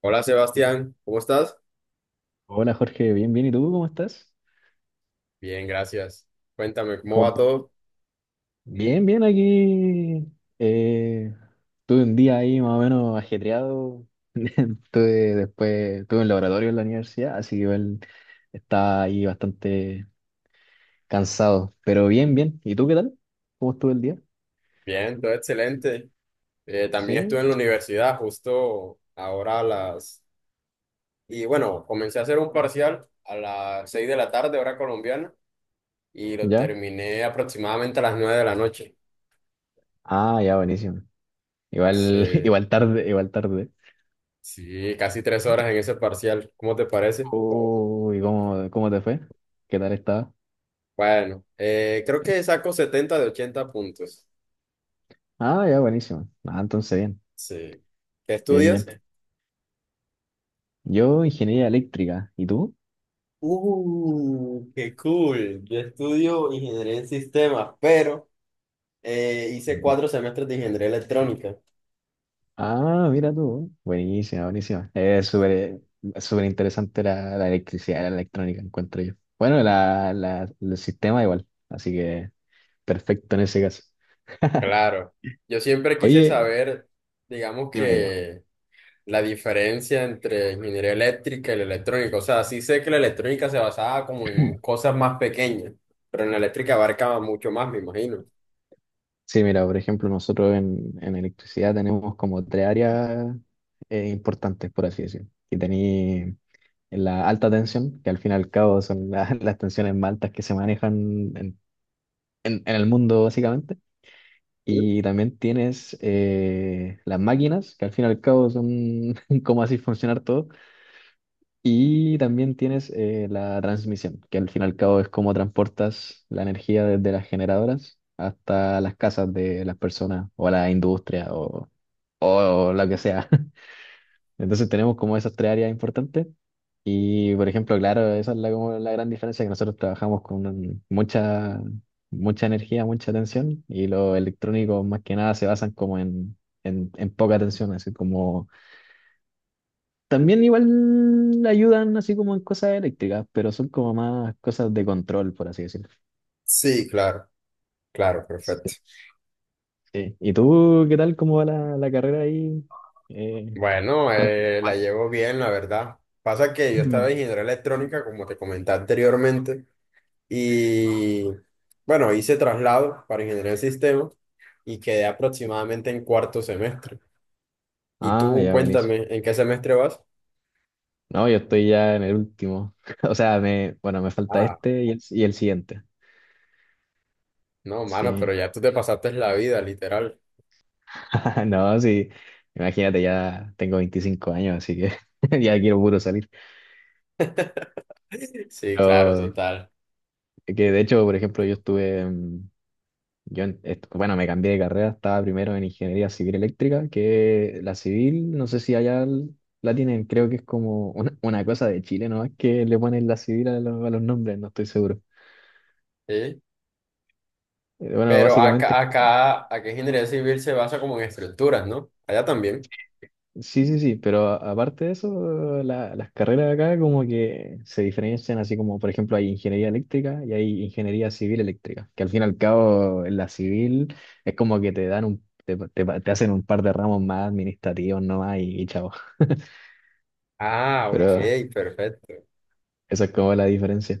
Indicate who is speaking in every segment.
Speaker 1: Hola Sebastián, ¿cómo estás?
Speaker 2: Hola Jorge, bien, bien. ¿Y tú cómo estás?
Speaker 1: Bien, gracias. Cuéntame, ¿cómo
Speaker 2: ¿Cómo
Speaker 1: va
Speaker 2: estás?
Speaker 1: todo?
Speaker 2: Bien, bien aquí. eh, Tuve un día ahí más o menos ajetreado. Tuve Tuve un laboratorio en la universidad, así que igual estaba ahí bastante cansado. Pero bien, bien. ¿Y tú qué tal? ¿Cómo estuvo el día?
Speaker 1: Bien, todo excelente. También estuve
Speaker 2: ¿Sí?
Speaker 1: en la universidad justo ahora a las... Y bueno, comencé a hacer un parcial a las 6 de la tarde, hora colombiana, y lo
Speaker 2: ¿Ya?
Speaker 1: terminé aproximadamente a las 9 de la noche.
Speaker 2: Ah, ya, buenísimo. Igual,
Speaker 1: Sí,
Speaker 2: igual tarde, igual tarde.
Speaker 1: sí, casi 3 horas en ese parcial. ¿Cómo te parece?
Speaker 2: Uy, ¿cómo te fue? ¿Qué tal estaba?
Speaker 1: Bueno, creo que saco 70 de 80 puntos.
Speaker 2: Ah, ya, buenísimo. Ah, entonces bien,
Speaker 1: Sí. ¿Qué
Speaker 2: bien,
Speaker 1: estudias?
Speaker 2: bien. Yo, ingeniería eléctrica. ¿Y tú?
Speaker 1: Qué cool. Yo estudio ingeniería en sistemas, pero hice
Speaker 2: Mm.
Speaker 1: cuatro semestres de ingeniería electrónica.
Speaker 2: Ah, mira tú. Buenísima, buenísima. Es súper, súper interesante la electricidad, la electrónica, encuentro yo. Bueno, el sistema igual. Así que perfecto en ese caso.
Speaker 1: Claro, yo siempre quise
Speaker 2: Oye,
Speaker 1: saber, digamos
Speaker 2: dime, digo.
Speaker 1: que la diferencia entre ingeniería eléctrica y la electrónica. O sea, sí sé que la electrónica se basaba como en cosas más pequeñas, pero en la eléctrica abarcaba mucho más, me imagino.
Speaker 2: Sí, mira, por ejemplo, nosotros en electricidad tenemos como tres áreas importantes, por así decir. Y tenéis la alta tensión, que al fin y al cabo son las tensiones más altas que se manejan en el mundo, básicamente.
Speaker 1: ¿Sí?
Speaker 2: Y también tienes las máquinas, que al fin y al cabo son cómo así funcionar todo. Y también tienes la transmisión, que al fin y al cabo es cómo transportas la energía desde las generadoras hasta las casas de las personas o la industria o lo que sea. Entonces tenemos como esas tres áreas importantes. Y por ejemplo, claro, esa es la, como la gran diferencia, que nosotros trabajamos con mucha, mucha energía, mucha tensión, y los electrónicos más que nada se basan como en poca tensión, así como también igual ayudan así como en cosas eléctricas, pero son como más cosas de control, por así decirlo.
Speaker 1: Sí, claro, claro,
Speaker 2: Sí.
Speaker 1: perfecto.
Speaker 2: Sí. ¿Y tú qué tal? ¿Cómo va la carrera ahí? Eh,
Speaker 1: Bueno,
Speaker 2: ¿cuál-
Speaker 1: la
Speaker 2: cuál-
Speaker 1: llevo bien, la verdad. Pasa que yo estaba en ingeniería electrónica, como te comenté anteriormente, y bueno, hice traslado para ingeniería de sistema y quedé aproximadamente en cuarto semestre. Y
Speaker 2: Ah,
Speaker 1: tú,
Speaker 2: ya, buenísimo.
Speaker 1: cuéntame, ¿en qué semestre vas?
Speaker 2: No, yo estoy ya en el último. O sea, me, bueno, me falta
Speaker 1: Ah,
Speaker 2: este y el siguiente.
Speaker 1: no, mano,
Speaker 2: Sí.
Speaker 1: pero ya tú te pasaste la vida, literal.
Speaker 2: No, sí. Imagínate, ya tengo 25 años, así que ya quiero puro salir.
Speaker 1: Sí, claro,
Speaker 2: Pero, sí.
Speaker 1: total.
Speaker 2: Que de hecho, por ejemplo, yo estuve, mm, yo, en- est- bueno, me cambié de carrera, estaba primero en ingeniería civil eléctrica, que la civil, no sé si allá la tienen, creo que es como una cosa de Chile, ¿no? Es que le ponen la civil a los nombres, no estoy seguro.
Speaker 1: Sí.
Speaker 2: Bueno,
Speaker 1: Pero
Speaker 2: básicamente
Speaker 1: acá ingeniería civil se basa como en estructuras, ¿no? Allá también.
Speaker 2: sí, sí, sí, pero aparte de eso, las carreras de acá como que se diferencian, así como por ejemplo hay ingeniería eléctrica y hay ingeniería civil eléctrica, que al fin y al cabo en la civil es como que te dan un, te- te hacen un par de ramos más administrativos nomás y chao,
Speaker 1: Ah,
Speaker 2: pero eso
Speaker 1: ok, perfecto.
Speaker 2: es como la diferencia.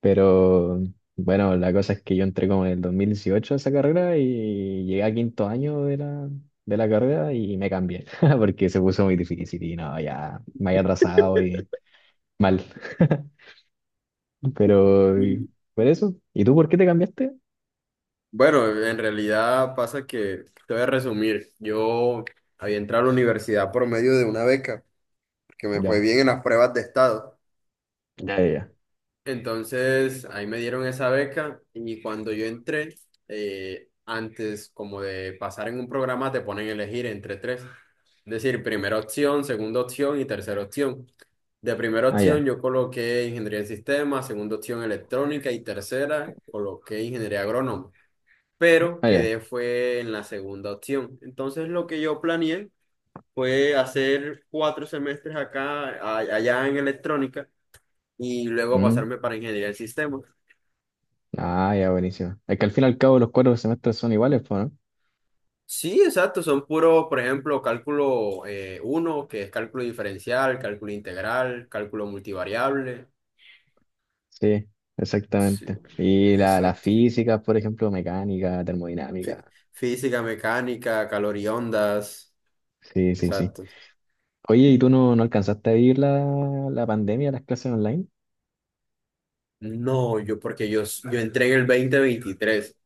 Speaker 2: Pero bueno, la cosa es que yo entré como en el 2018 a esa carrera y llegué a quinto año de la carrera y me cambié porque se puso muy difícil y no, ya me había atrasado y... Mal. Pero, y- por eso. ¿Y tú por qué te cambiaste?
Speaker 1: Bueno, en realidad pasa que, te voy a resumir, yo había entrado a la universidad por medio de una beca, que me fue
Speaker 2: Ya,
Speaker 1: bien en las pruebas de estado.
Speaker 2: ya, ya, ya.
Speaker 1: Entonces, ahí me dieron esa beca y cuando yo entré, antes como de pasar en un programa, te ponen a elegir entre tres. Es decir, primera opción, segunda opción y tercera opción. De primera
Speaker 2: Ah,
Speaker 1: opción
Speaker 2: ya,
Speaker 1: yo coloqué ingeniería en sistemas, segunda opción electrónica y tercera coloqué ingeniería agrónoma, pero
Speaker 2: ah, ya.
Speaker 1: quedé fue en la segunda opción. Entonces lo que yo planeé fue hacer cuatro semestres acá, allá en electrónica, y luego
Speaker 2: Mm.
Speaker 1: pasarme para ingeniería del sistema.
Speaker 2: Ah, ya, buenísimo. Es que al fin y al cabo los cuatro semestres son iguales, po, ¿no?
Speaker 1: Sí, exacto, son puros, por ejemplo, cálculo, uno que es cálculo diferencial, cálculo integral, cálculo multivariable.
Speaker 2: Sí,
Speaker 1: Sí,
Speaker 2: exactamente. Y la
Speaker 1: exacto.
Speaker 2: física por ejemplo, mecánica,
Speaker 1: Fí-
Speaker 2: termodinámica.
Speaker 1: física, mecánica, calor y ondas.
Speaker 2: Sí, sí, sí.
Speaker 1: Exacto.
Speaker 2: Oye, ¿y tú no, no alcanzaste a vivir la pandemia, las clases online?
Speaker 1: No, yo porque yo entré en el 2023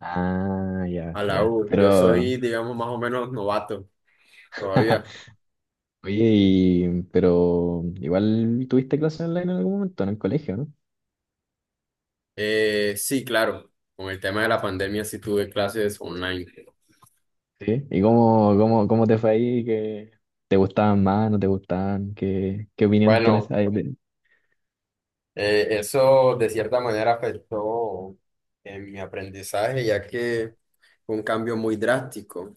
Speaker 2: Ah, ya,
Speaker 1: a la
Speaker 2: ya.
Speaker 1: U.
Speaker 2: Pero,
Speaker 1: Yo soy, digamos, más o menos novato todavía.
Speaker 2: oye, pero igual tuviste clases online en algún momento, en el colegio, ¿no?
Speaker 1: Sí, claro, con el tema de la pandemia sí tuve clases online.
Speaker 2: Sí. ¿Y cómo te fue ahí? ¿Qué te gustaban más? ¿No te gustaban? ¿Qué, qué opinión tienes
Speaker 1: Bueno,
Speaker 2: ahí?
Speaker 1: eso de cierta manera afectó en mi aprendizaje, ya que fue un cambio muy drástico.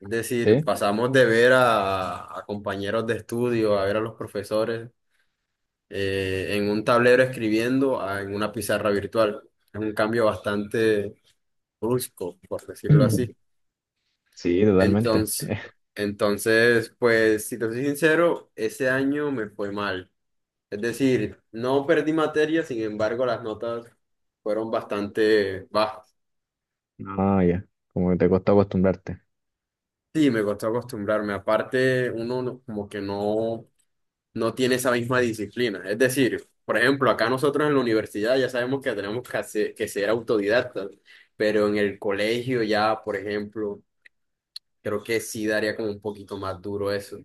Speaker 1: Es decir,
Speaker 2: ¿Sí?
Speaker 1: pasamos de ver a compañeros de estudio, a ver a los profesores en un tablero escribiendo a en una pizarra virtual. Es un cambio bastante brusco, por decirlo así.
Speaker 2: Sí, totalmente.
Speaker 1: Entonces, pues, si te soy sincero, ese año me fue mal. Es decir, no perdí materia, sin embargo, las notas fueron bastante bajas.
Speaker 2: No, ya. Como que te costó acostumbrarte.
Speaker 1: Sí, me costó acostumbrarme. Aparte, uno como que no, no tiene esa misma disciplina. Es decir, por ejemplo, acá nosotros en la universidad ya sabemos que tenemos que que ser autodidactas, pero en el colegio ya, por ejemplo, creo que sí daría como un poquito más duro eso.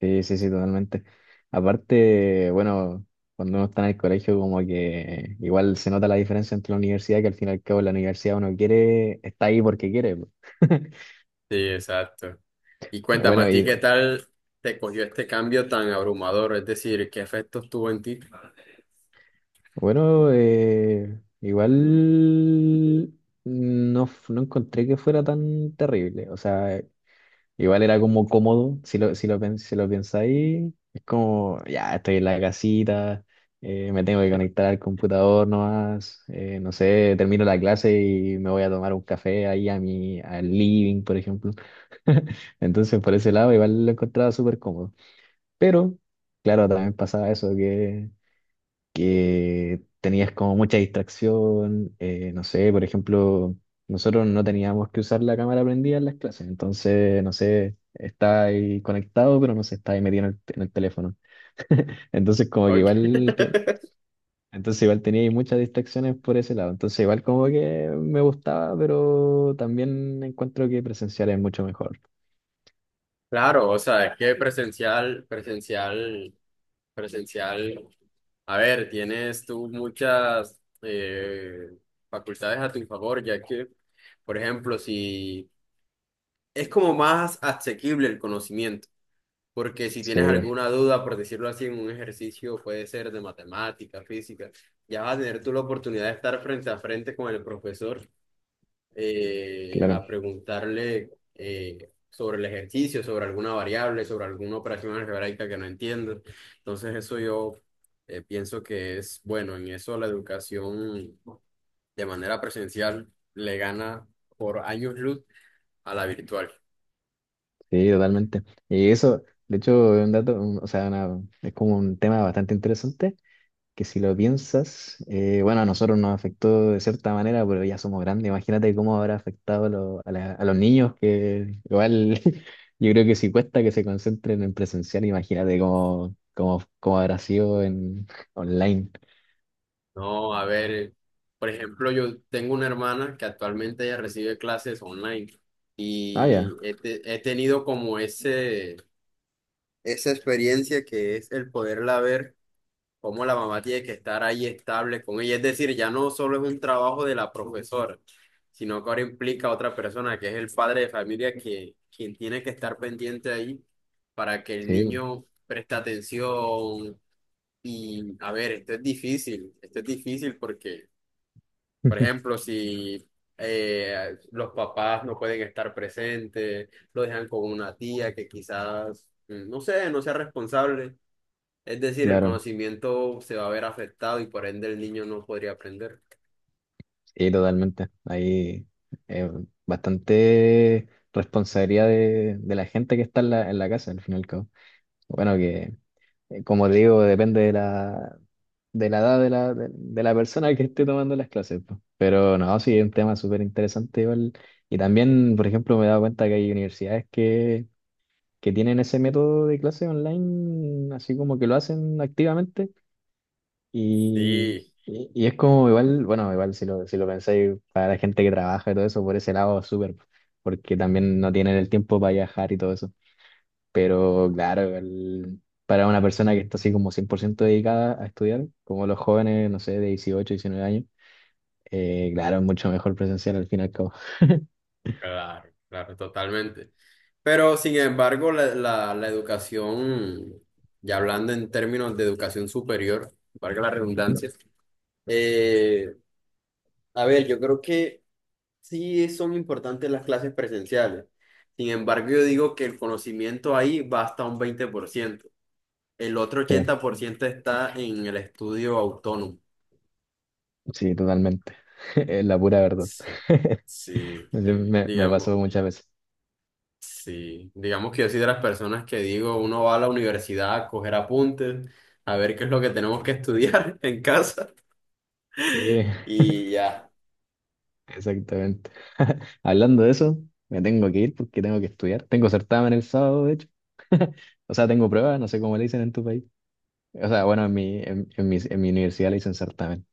Speaker 2: Sí, sí, sí, totalmente. Aparte, bueno, cuando uno está en el colegio, como que igual se nota la diferencia entre la universidad, que al fin y al cabo la universidad uno quiere, está ahí porque quiere, po.
Speaker 1: Sí, exacto. Y cuéntame, ¿a
Speaker 2: Bueno,
Speaker 1: ti
Speaker 2: y
Speaker 1: qué tal te cogió este cambio tan abrumador? Es decir, ¿qué efectos tuvo en ti?
Speaker 2: Bueno, igual no, no encontré que fuera tan terrible. O sea, igual era como cómodo, si lo pensáis, es como, ya estoy en la casita, me tengo que conectar al computador nomás, no sé, termino la clase y me voy a tomar un café ahí a mi, al living, por ejemplo. Entonces, por ese lado, igual lo encontraba súper cómodo. Pero, claro, también pasaba eso que tenías como mucha distracción, no sé, por ejemplo, nosotros no teníamos que usar la cámara prendida en las clases, entonces, no sé, está ahí conectado, pero no se está ahí metido en el teléfono. Entonces, como que
Speaker 1: Ok.
Speaker 2: entonces igual tenía ahí muchas distracciones por ese lado, entonces igual como que me gustaba, pero también encuentro que presencial es mucho mejor.
Speaker 1: Claro, o sea, es que presencial, presencial, presencial. A ver, tienes tú muchas facultades a tu favor, ya que, por ejemplo, si es como más asequible el conocimiento. Porque si tienes
Speaker 2: Sí,
Speaker 1: alguna duda, por decirlo así, en un ejercicio puede ser de matemática, física, ya vas a tener tú la oportunidad de estar frente a frente con el profesor,
Speaker 2: claro,
Speaker 1: a preguntarle, sobre el ejercicio, sobre alguna variable, sobre alguna operación algebraica que no entiendes. Entonces eso yo, pienso que es bueno. En eso la educación de manera presencial le gana por años luz a la virtual.
Speaker 2: sí, totalmente. Y eso, de hecho, es o sea, es como un tema bastante interesante, que si lo piensas, bueno, a nosotros nos afectó de cierta manera, pero ya somos grandes. Imagínate cómo habrá afectado a los niños, que igual yo creo que si cuesta que se concentren en presencial, imagínate cómo habrá sido en online.
Speaker 1: No, a ver, por ejemplo, yo tengo una hermana que actualmente ella recibe clases online
Speaker 2: Ah,
Speaker 1: y
Speaker 2: ya,
Speaker 1: he tenido como ese, esa experiencia que es el poderla ver cómo la mamá tiene que estar ahí estable con ella. Es decir, ya no solo es un trabajo de la profesora, sino que ahora implica a otra persona que es el padre de familia que, quien tiene que estar pendiente ahí para que el
Speaker 2: sí,
Speaker 1: niño preste atención. Y a ver, esto es difícil porque... Por ejemplo, si los papás no pueden estar presentes, lo dejan con una tía que quizás, no sé, no sea responsable. Es decir, el
Speaker 2: claro,
Speaker 1: conocimiento se va a ver afectado y por ende el niño no podría aprender.
Speaker 2: sí, totalmente. Ahí eh, bastante responsabilidad de la gente que está en en la casa, al fin y al cabo. Bueno, que como te digo, depende de de la edad de la persona que esté tomando las clases, pues. Pero no, sí, es un tema súper interesante igual. Y también, por ejemplo, me he dado cuenta que hay universidades que tienen ese método de clase online, así como que lo hacen activamente. Y,
Speaker 1: Sí,
Speaker 2: y es como igual, bueno, igual si lo pensáis, para la gente que trabaja y todo eso, por ese lado, súper, porque también no tienen el tiempo para viajar y todo eso. Pero claro, para una persona que está así como 100% dedicada a estudiar, como los jóvenes, no sé, de 18, 19 años, claro, es mucho mejor presencial al fin y al cabo.
Speaker 1: claro, claro, totalmente. Pero sin embargo, la educación, ya hablando en términos de educación superior, valga la
Speaker 2: Ujú.
Speaker 1: redundancia, eh, a ver, yo creo que... Sí, son importantes las clases presenciales. Sin embargo, yo digo que el conocimiento ahí va hasta un 20%. El otro
Speaker 2: Sí,
Speaker 1: 80% está en el estudio autónomo.
Speaker 2: sí, totalmente. Es la pura verdad.
Speaker 1: Sí, sí,
Speaker 2: Me
Speaker 1: digamos,
Speaker 2: pasó muchas veces.
Speaker 1: sí. Digamos que yo soy de las personas que digo, uno va a la universidad a coger apuntes, a ver qué es lo que tenemos que estudiar en casa
Speaker 2: Sí,
Speaker 1: y ya.
Speaker 2: exactamente. Hablando de eso, me tengo que ir porque tengo que estudiar. Tengo certamen el sábado, de hecho. O sea, tengo pruebas, no sé cómo le dicen en tu país. O sea, bueno, en mi universidad le dicen certamen.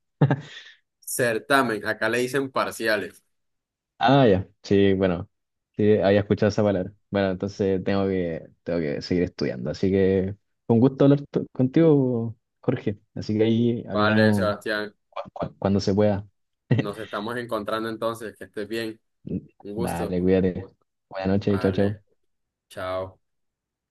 Speaker 1: Certamen, acá le dicen parciales.
Speaker 2: Ah, ya. Sí, bueno. Sí, había escuchado esa palabra. Bueno, entonces tengo que seguir estudiando. Así que fue un gusto contigo, Jorge. Así que ahí
Speaker 1: Vale,
Speaker 2: hablamos
Speaker 1: Sebastián,
Speaker 2: cuando se pueda.
Speaker 1: nos estamos encontrando entonces, que estés bien. Un gusto.
Speaker 2: Dale, cuídate. Buenas noches, chao, chao.
Speaker 1: Vale. Chao.